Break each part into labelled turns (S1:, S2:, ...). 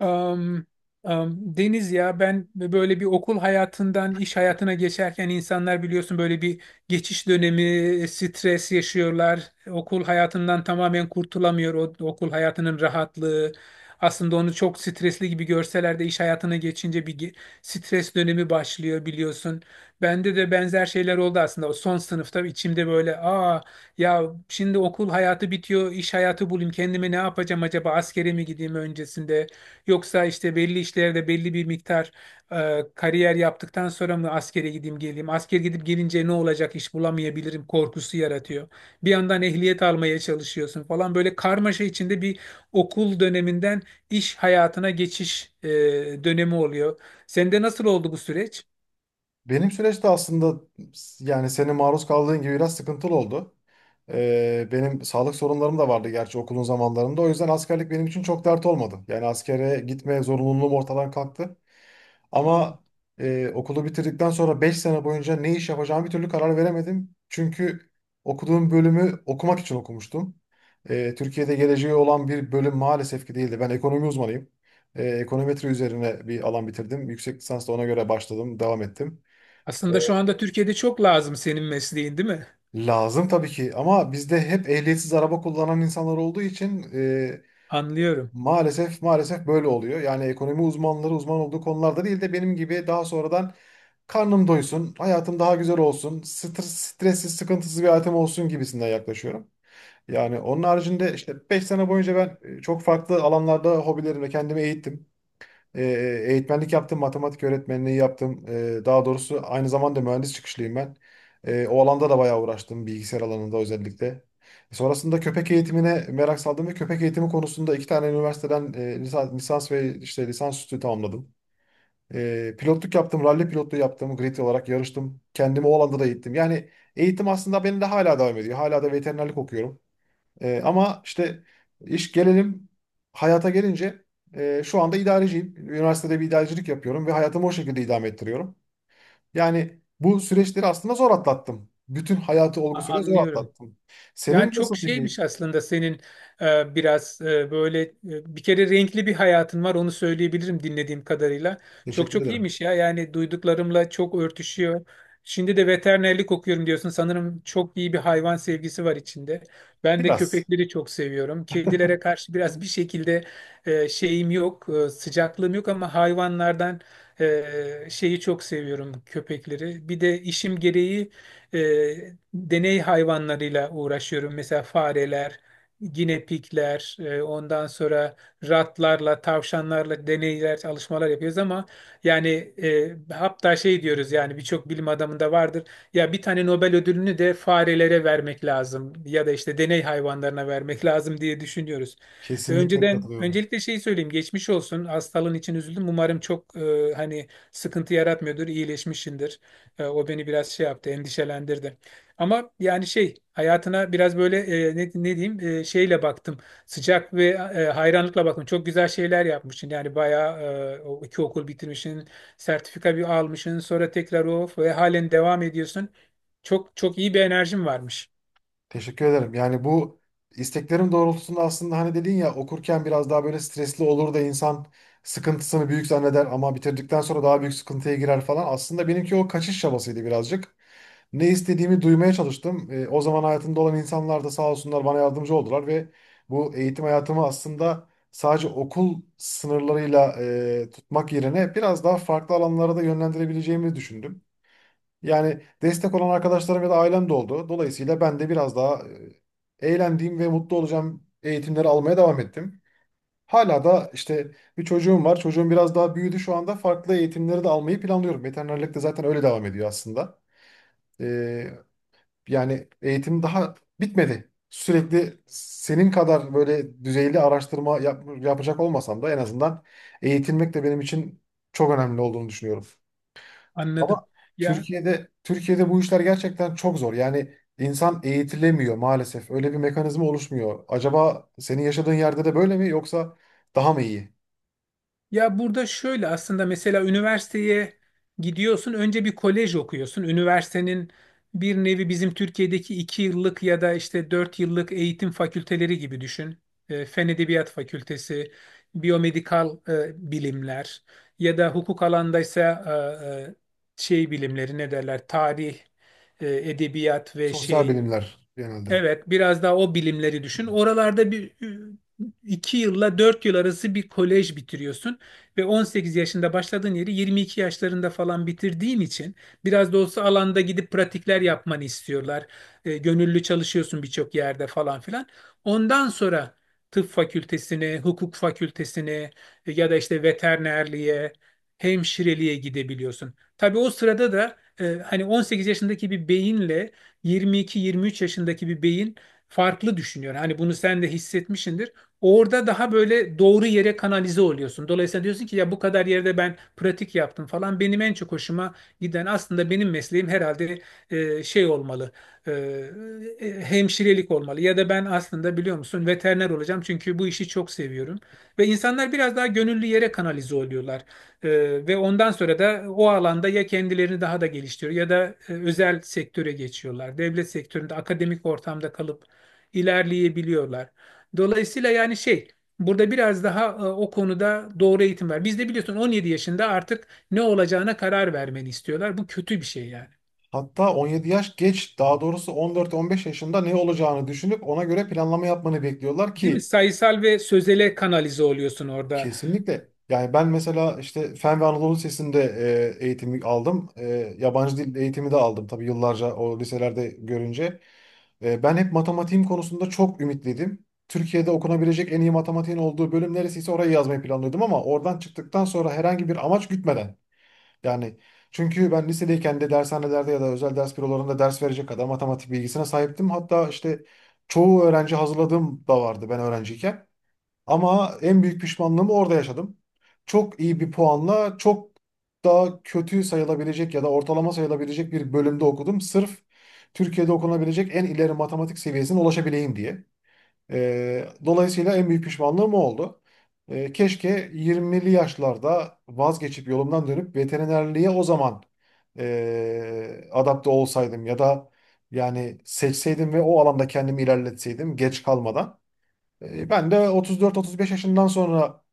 S1: Am, Deniz, ya ben böyle bir okul hayatından iş hayatına geçerken insanlar, biliyorsun, böyle bir geçiş dönemi stres yaşıyorlar. Okul hayatından tamamen kurtulamıyor o okul hayatının rahatlığı. Aslında onu çok stresli gibi görseler de iş hayatına geçince bir stres dönemi başlıyor, biliyorsun. Bende de benzer şeyler oldu aslında. O son sınıfta içimde böyle, ya, şimdi okul hayatı bitiyor, iş hayatı bulayım. Kendime ne yapacağım acaba? Askere mi gideyim öncesinde? Yoksa işte belli işlerde belli bir miktar kariyer yaptıktan sonra mı askere gideyim geleyim? Asker gidip gelince ne olacak, iş bulamayabilirim korkusu yaratıyor. Bir yandan ehliyet almaya çalışıyorsun falan, böyle karmaşa içinde bir okul döneminden iş hayatına geçiş dönemi oluyor. Sende nasıl oldu bu süreç?
S2: Benim süreçte aslında yani senin maruz kaldığın gibi biraz sıkıntılı oldu. Benim sağlık sorunlarım da vardı gerçi okulun zamanlarında. O yüzden askerlik benim için çok dert olmadı. Yani askere gitme zorunluluğum ortadan kalktı.
S1: Hmm.
S2: Ama okulu bitirdikten sonra 5 sene boyunca ne iş yapacağımı bir türlü karar veremedim. Çünkü okuduğum bölümü okumak için okumuştum. Türkiye'de geleceği olan bir bölüm maalesef ki değildi. Ben ekonomi uzmanıyım. Ekonometri üzerine bir alan bitirdim. Yüksek lisans da ona göre başladım, devam ettim.
S1: Aslında şu anda Türkiye'de çok lazım senin mesleğin, değil mi?
S2: Lazım tabii ki ama bizde hep ehliyetsiz araba kullanan insanlar olduğu için
S1: Anlıyorum.
S2: maalesef maalesef böyle oluyor. Yani ekonomi uzmanları uzman olduğu konularda değil de benim gibi daha sonradan karnım doysun, hayatım daha güzel olsun, stres, stressiz, sıkıntısız bir hayatım olsun gibisinden yaklaşıyorum. Yani onun haricinde işte 5 sene boyunca ben çok farklı alanlarda hobilerimle kendimi eğittim. E, eğitmenlik yaptım, matematik öğretmenliği yaptım. Daha doğrusu aynı zamanda mühendis çıkışlıyım ben. O alanda da bayağı uğraştım, bilgisayar alanında özellikle. Sonrasında köpek eğitimine merak saldım ve köpek eğitimi konusunda 2 tane üniversiteden lisans ve işte lisansüstü tamamladım. Pilotluk yaptım, ralli pilotluğu yaptım, grid olarak yarıştım. Kendimi o alanda da eğittim. Yani eğitim aslında benim de hala devam ediyor. Hala da veterinerlik okuyorum. Ama işte iş gelelim hayata gelince şu anda idareciyim. Üniversitede bir idarecilik yapıyorum ve hayatımı o şekilde idame ettiriyorum. Yani bu süreçleri aslında zor atlattım. Bütün hayatı olgusuyla zor
S1: Anlıyorum.
S2: atlattım.
S1: Yani
S2: Senin
S1: çok
S2: nasıl peki?
S1: şeymiş aslında, senin biraz böyle bir kere renkli bir hayatın var, onu söyleyebilirim dinlediğim kadarıyla. Çok
S2: Teşekkür
S1: çok
S2: ederim.
S1: iyiymiş ya, yani duyduklarımla çok örtüşüyor. Şimdi de veterinerlik okuyorum diyorsun. Sanırım çok iyi bir hayvan sevgisi var içinde. Ben de
S2: Biraz.
S1: köpekleri çok seviyorum. Kedilere karşı biraz bir şekilde şeyim yok, sıcaklığım yok ama hayvanlardan, şeyi çok seviyorum, köpekleri. Bir de işim gereği e, deney hayvanlarıyla uğraşıyorum. Mesela fareler, ginepikler, ondan sonra ratlarla, tavşanlarla deneyler, çalışmalar yapıyoruz ama yani, hatta şey diyoruz, yani birçok bilim adamında vardır. Ya bir tane Nobel ödülünü de farelere vermek lazım ya da işte deney hayvanlarına vermek lazım diye düşünüyoruz.
S2: Kesinlikle
S1: Önceden
S2: katılıyorum.
S1: öncelikle şeyi söyleyeyim, geçmiş olsun hastalığın için, üzüldüm, umarım çok hani sıkıntı yaratmıyordur, iyileşmişsindir. O beni biraz şey yaptı, endişelendirdi. Ama yani şey hayatına biraz böyle, ne diyeyim, şeyle baktım. Sıcak ve hayranlıkla baktım. Çok güzel şeyler yapmışsın. Yani bayağı, o iki okul bitirmişsin, sertifika bir almışsın, sonra tekrar o ve halen devam ediyorsun. Çok çok iyi bir enerjin varmış.
S2: Teşekkür ederim. Yani bu isteklerim doğrultusunda aslında hani dedin ya okurken biraz daha böyle stresli olur da insan sıkıntısını büyük zanneder ama bitirdikten sonra daha büyük sıkıntıya girer falan. Aslında benimki o kaçış çabasıydı birazcık. Ne istediğimi duymaya çalıştım. O zaman hayatımda olan insanlar da sağ olsunlar bana yardımcı oldular ve bu eğitim hayatımı aslında sadece okul sınırlarıyla tutmak yerine biraz daha farklı alanlara da yönlendirebileceğimi düşündüm. Yani destek olan arkadaşlarım ya da ailem de oldu. Dolayısıyla ben de biraz daha eğlendiğim ve mutlu olacağım eğitimleri almaya devam ettim. Hala da işte bir çocuğum var. Çocuğum biraz daha büyüdü şu anda. Farklı eğitimleri de almayı planlıyorum. Veterinerlik de zaten öyle devam ediyor aslında. E, yani eğitim daha bitmedi. Sürekli senin kadar böyle düzeyli araştırma yapacak olmasam da en azından eğitilmek de benim için çok önemli olduğunu düşünüyorum.
S1: Anladım.
S2: Ama
S1: Ya
S2: Türkiye'de bu işler gerçekten çok zor. Yani insan eğitilemiyor maalesef. Öyle bir mekanizma oluşmuyor. Acaba senin yaşadığın yerde de böyle mi yoksa daha mı iyi?
S1: Ya burada şöyle aslında, mesela üniversiteye gidiyorsun, önce bir kolej okuyorsun. Üniversitenin bir nevi bizim Türkiye'deki 2 yıllık ya da işte 4 yıllık eğitim fakülteleri gibi düşün. Fen Edebiyat Fakültesi, biyomedikal bilimler ya da hukuk alandaysa e, e, şey bilimleri ne derler, tarih, edebiyat ve
S2: Sosyal
S1: şey.
S2: bilimler genelde.
S1: Evet, biraz daha o bilimleri düşün. Oralarda bir 2 yılla 4 yıl arası bir kolej bitiriyorsun ve 18 yaşında başladığın yeri 22 yaşlarında falan bitirdiğin için biraz da olsa alanda gidip pratikler yapmanı istiyorlar. Gönüllü çalışıyorsun birçok yerde falan filan. Ondan sonra tıp fakültesine, hukuk fakültesine ya da işte veterinerliğe, hemşireliğe gidebiliyorsun. Tabii o sırada da hani 18 yaşındaki bir beyinle 22-23 yaşındaki bir beyin farklı düşünüyor. Hani bunu sen de hissetmişsindir. Orada daha böyle doğru yere kanalize oluyorsun. Dolayısıyla diyorsun ki ya, bu kadar yerde ben pratik yaptım falan. Benim en çok hoşuma giden, aslında benim mesleğim herhalde şey olmalı. e, Hemşirelik olmalı. Ya da ben aslında, biliyor musun, veteriner olacağım çünkü bu işi çok seviyorum. Ve insanlar biraz daha gönüllü yere kanalize oluyorlar. Ve ondan sonra da o alanda ya kendilerini daha da geliştiriyor ya da özel sektöre geçiyorlar. Devlet sektöründe akademik ortamda kalıp ilerleyebiliyorlar. Dolayısıyla, yani şey, burada biraz daha o konuda doğru eğitim var. Bizde biliyorsun 17 yaşında artık ne olacağına karar vermeni istiyorlar. Bu kötü bir şey yani.
S2: Hatta 17 yaş geç, daha doğrusu 14-15 yaşında ne olacağını düşünüp ona göre planlama yapmanı bekliyorlar
S1: Değil mi?
S2: ki.
S1: Sayısal ve sözele kanalize oluyorsun orada.
S2: Kesinlikle. Yani ben mesela işte Fen ve Anadolu Lisesi'nde eğitimi aldım. Yabancı dil eğitimi de aldım tabii yıllarca o liselerde görünce. Ben hep matematiğim konusunda çok ümitliydim. Türkiye'de okunabilecek en iyi matematiğin olduğu bölüm neresiyse orayı yazmayı planlıyordum ama oradan çıktıktan sonra herhangi bir amaç gütmeden. Yani çünkü ben lisedeyken de dershanelerde ya da özel ders bürolarında ders verecek kadar matematik bilgisine sahiptim. Hatta işte çoğu öğrenci hazırladığım da vardı ben öğrenciyken. Ama en büyük pişmanlığımı orada yaşadım. Çok iyi bir puanla çok daha kötü sayılabilecek ya da ortalama sayılabilecek bir bölümde okudum. Sırf Türkiye'de okunabilecek en ileri matematik seviyesine ulaşabileyim diye. Dolayısıyla en büyük pişmanlığım o oldu. Keşke 20'li yaşlarda vazgeçip yolumdan dönüp veterinerliğe o zaman adapte olsaydım ya da yani seçseydim ve o alanda kendimi ilerletseydim geç kalmadan. Ben de 34-35 yaşından sonra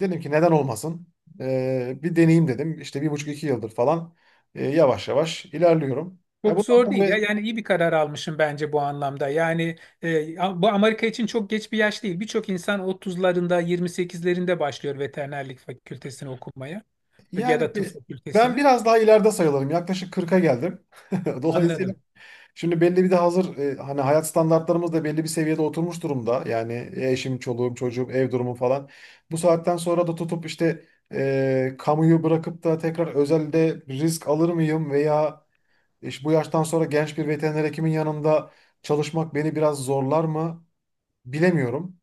S2: dedim ki neden olmasın? Bir deneyeyim dedim. İşte bir buçuk iki yıldır falan yavaş yavaş ilerliyorum.
S1: Çok
S2: Bundan
S1: zor değil ya.
S2: sonra
S1: Yani iyi bir karar almışım bence bu anlamda. Yani e, bu Amerika için çok geç bir yaş değil. Birçok insan 30'larında, 28'lerinde başlıyor veterinerlik fakültesini okumaya ya
S2: yani
S1: da tıp
S2: bir, ben
S1: fakültesini.
S2: biraz daha ileride sayılırım. Yaklaşık 40'a geldim. Dolayısıyla
S1: Anladım.
S2: şimdi belli bir de hazır hani hayat standartlarımız da belli bir seviyede oturmuş durumda. Yani eşim, çoluğum, çocuğum, ev durumu falan. Bu saatten sonra da tutup işte kamuyu bırakıp da tekrar özelde risk alır mıyım veya İşte bu yaştan sonra genç bir veteriner hekimin yanında çalışmak beni biraz zorlar mı bilemiyorum.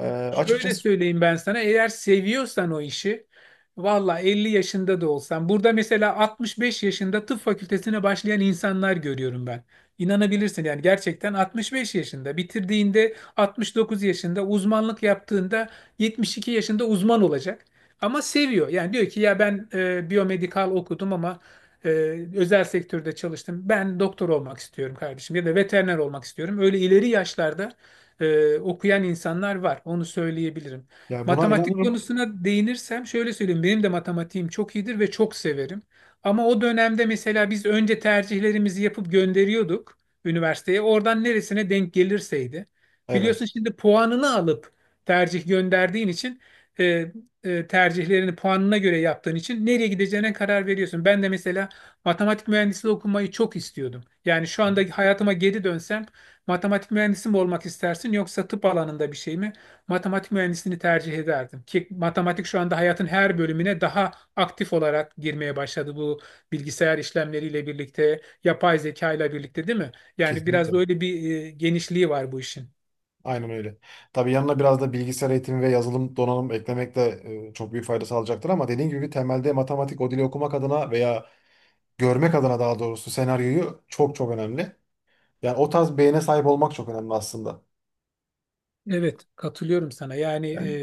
S2: Ee,
S1: Şöyle
S2: açıkçası
S1: söyleyeyim, ben sana, eğer seviyorsan o işi, valla 50 yaşında da olsan, burada mesela 65 yaşında tıp fakültesine başlayan insanlar görüyorum ben. İnanabilirsin yani, gerçekten 65 yaşında bitirdiğinde, 69 yaşında uzmanlık yaptığında, 72 yaşında uzman olacak. Ama seviyor yani, diyor ki ya, ben biyomedikal okudum ama e, özel sektörde çalıştım, ben doktor olmak istiyorum kardeşim ya da veteriner olmak istiyorum. Öyle ileri yaşlarda okuyan insanlar var. Onu söyleyebilirim.
S2: yani buna
S1: Matematik
S2: inanırım.
S1: konusuna değinirsem şöyle söyleyeyim. Benim de matematiğim çok iyidir ve çok severim. Ama o dönemde mesela biz önce tercihlerimizi yapıp gönderiyorduk üniversiteye. Oradan neresine denk gelirseydi. Biliyorsun
S2: Evet.
S1: şimdi puanını alıp tercih gönderdiğin için e, tercihlerini puanına göre yaptığın için nereye gideceğine karar veriyorsun. Ben de mesela matematik mühendisliği okumayı çok istiyordum. Yani şu anda hayatıma geri dönsem, matematik mühendisi mi olmak istersin yoksa tıp alanında bir şey mi? Matematik mühendisliğini tercih ederdim. Ki matematik şu anda hayatın her bölümüne daha aktif olarak girmeye başladı, bu bilgisayar işlemleriyle birlikte, yapay zeka ile birlikte, değil mi? Yani biraz da
S2: Kesinlikle.
S1: öyle bir genişliği var bu işin.
S2: Aynen öyle. Tabii yanına biraz da bilgisayar eğitimi ve yazılım donanım eklemek de çok büyük fayda sağlayacaktır ama dediğim gibi temelde matematik o dili okumak adına veya görmek adına daha doğrusu senaryoyu çok çok önemli. Yani o tarz beyne sahip olmak çok önemli aslında.
S1: Evet, katılıyorum sana. Yani
S2: Yani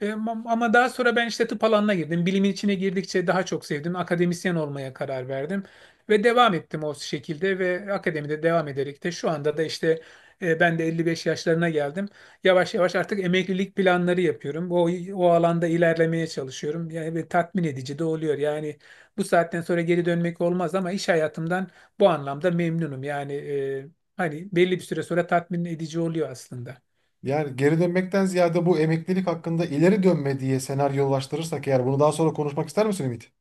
S1: ama daha sonra ben işte tıp alanına girdim. Bilimin içine girdikçe daha çok sevdim. Akademisyen olmaya karar verdim ve devam ettim o şekilde ve akademide devam ederek de şu anda da işte ben de 55 yaşlarına geldim. Yavaş yavaş artık emeklilik planları yapıyorum. O alanda ilerlemeye çalışıyorum. Yani ve tatmin edici de oluyor. Yani bu saatten sonra geri dönmek olmaz ama iş hayatımdan bu anlamda memnunum. Yani hani belli bir süre sonra tatmin edici oluyor aslında.
S2: Yani geri dönmekten ziyade bu emeklilik hakkında ileri dönme diye senaryolaştırırsak eğer bunu daha sonra konuşmak ister misin Ümit?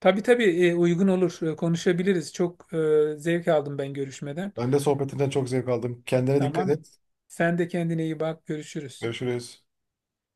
S1: Tabii tabii, uygun olur. Konuşabiliriz. Çok zevk aldım ben görüşmeden.
S2: Ben de sohbetinden çok zevk aldım. Kendine dikkat
S1: Tamam.
S2: et.
S1: Sen de kendine iyi bak. Görüşürüz.
S2: Görüşürüz.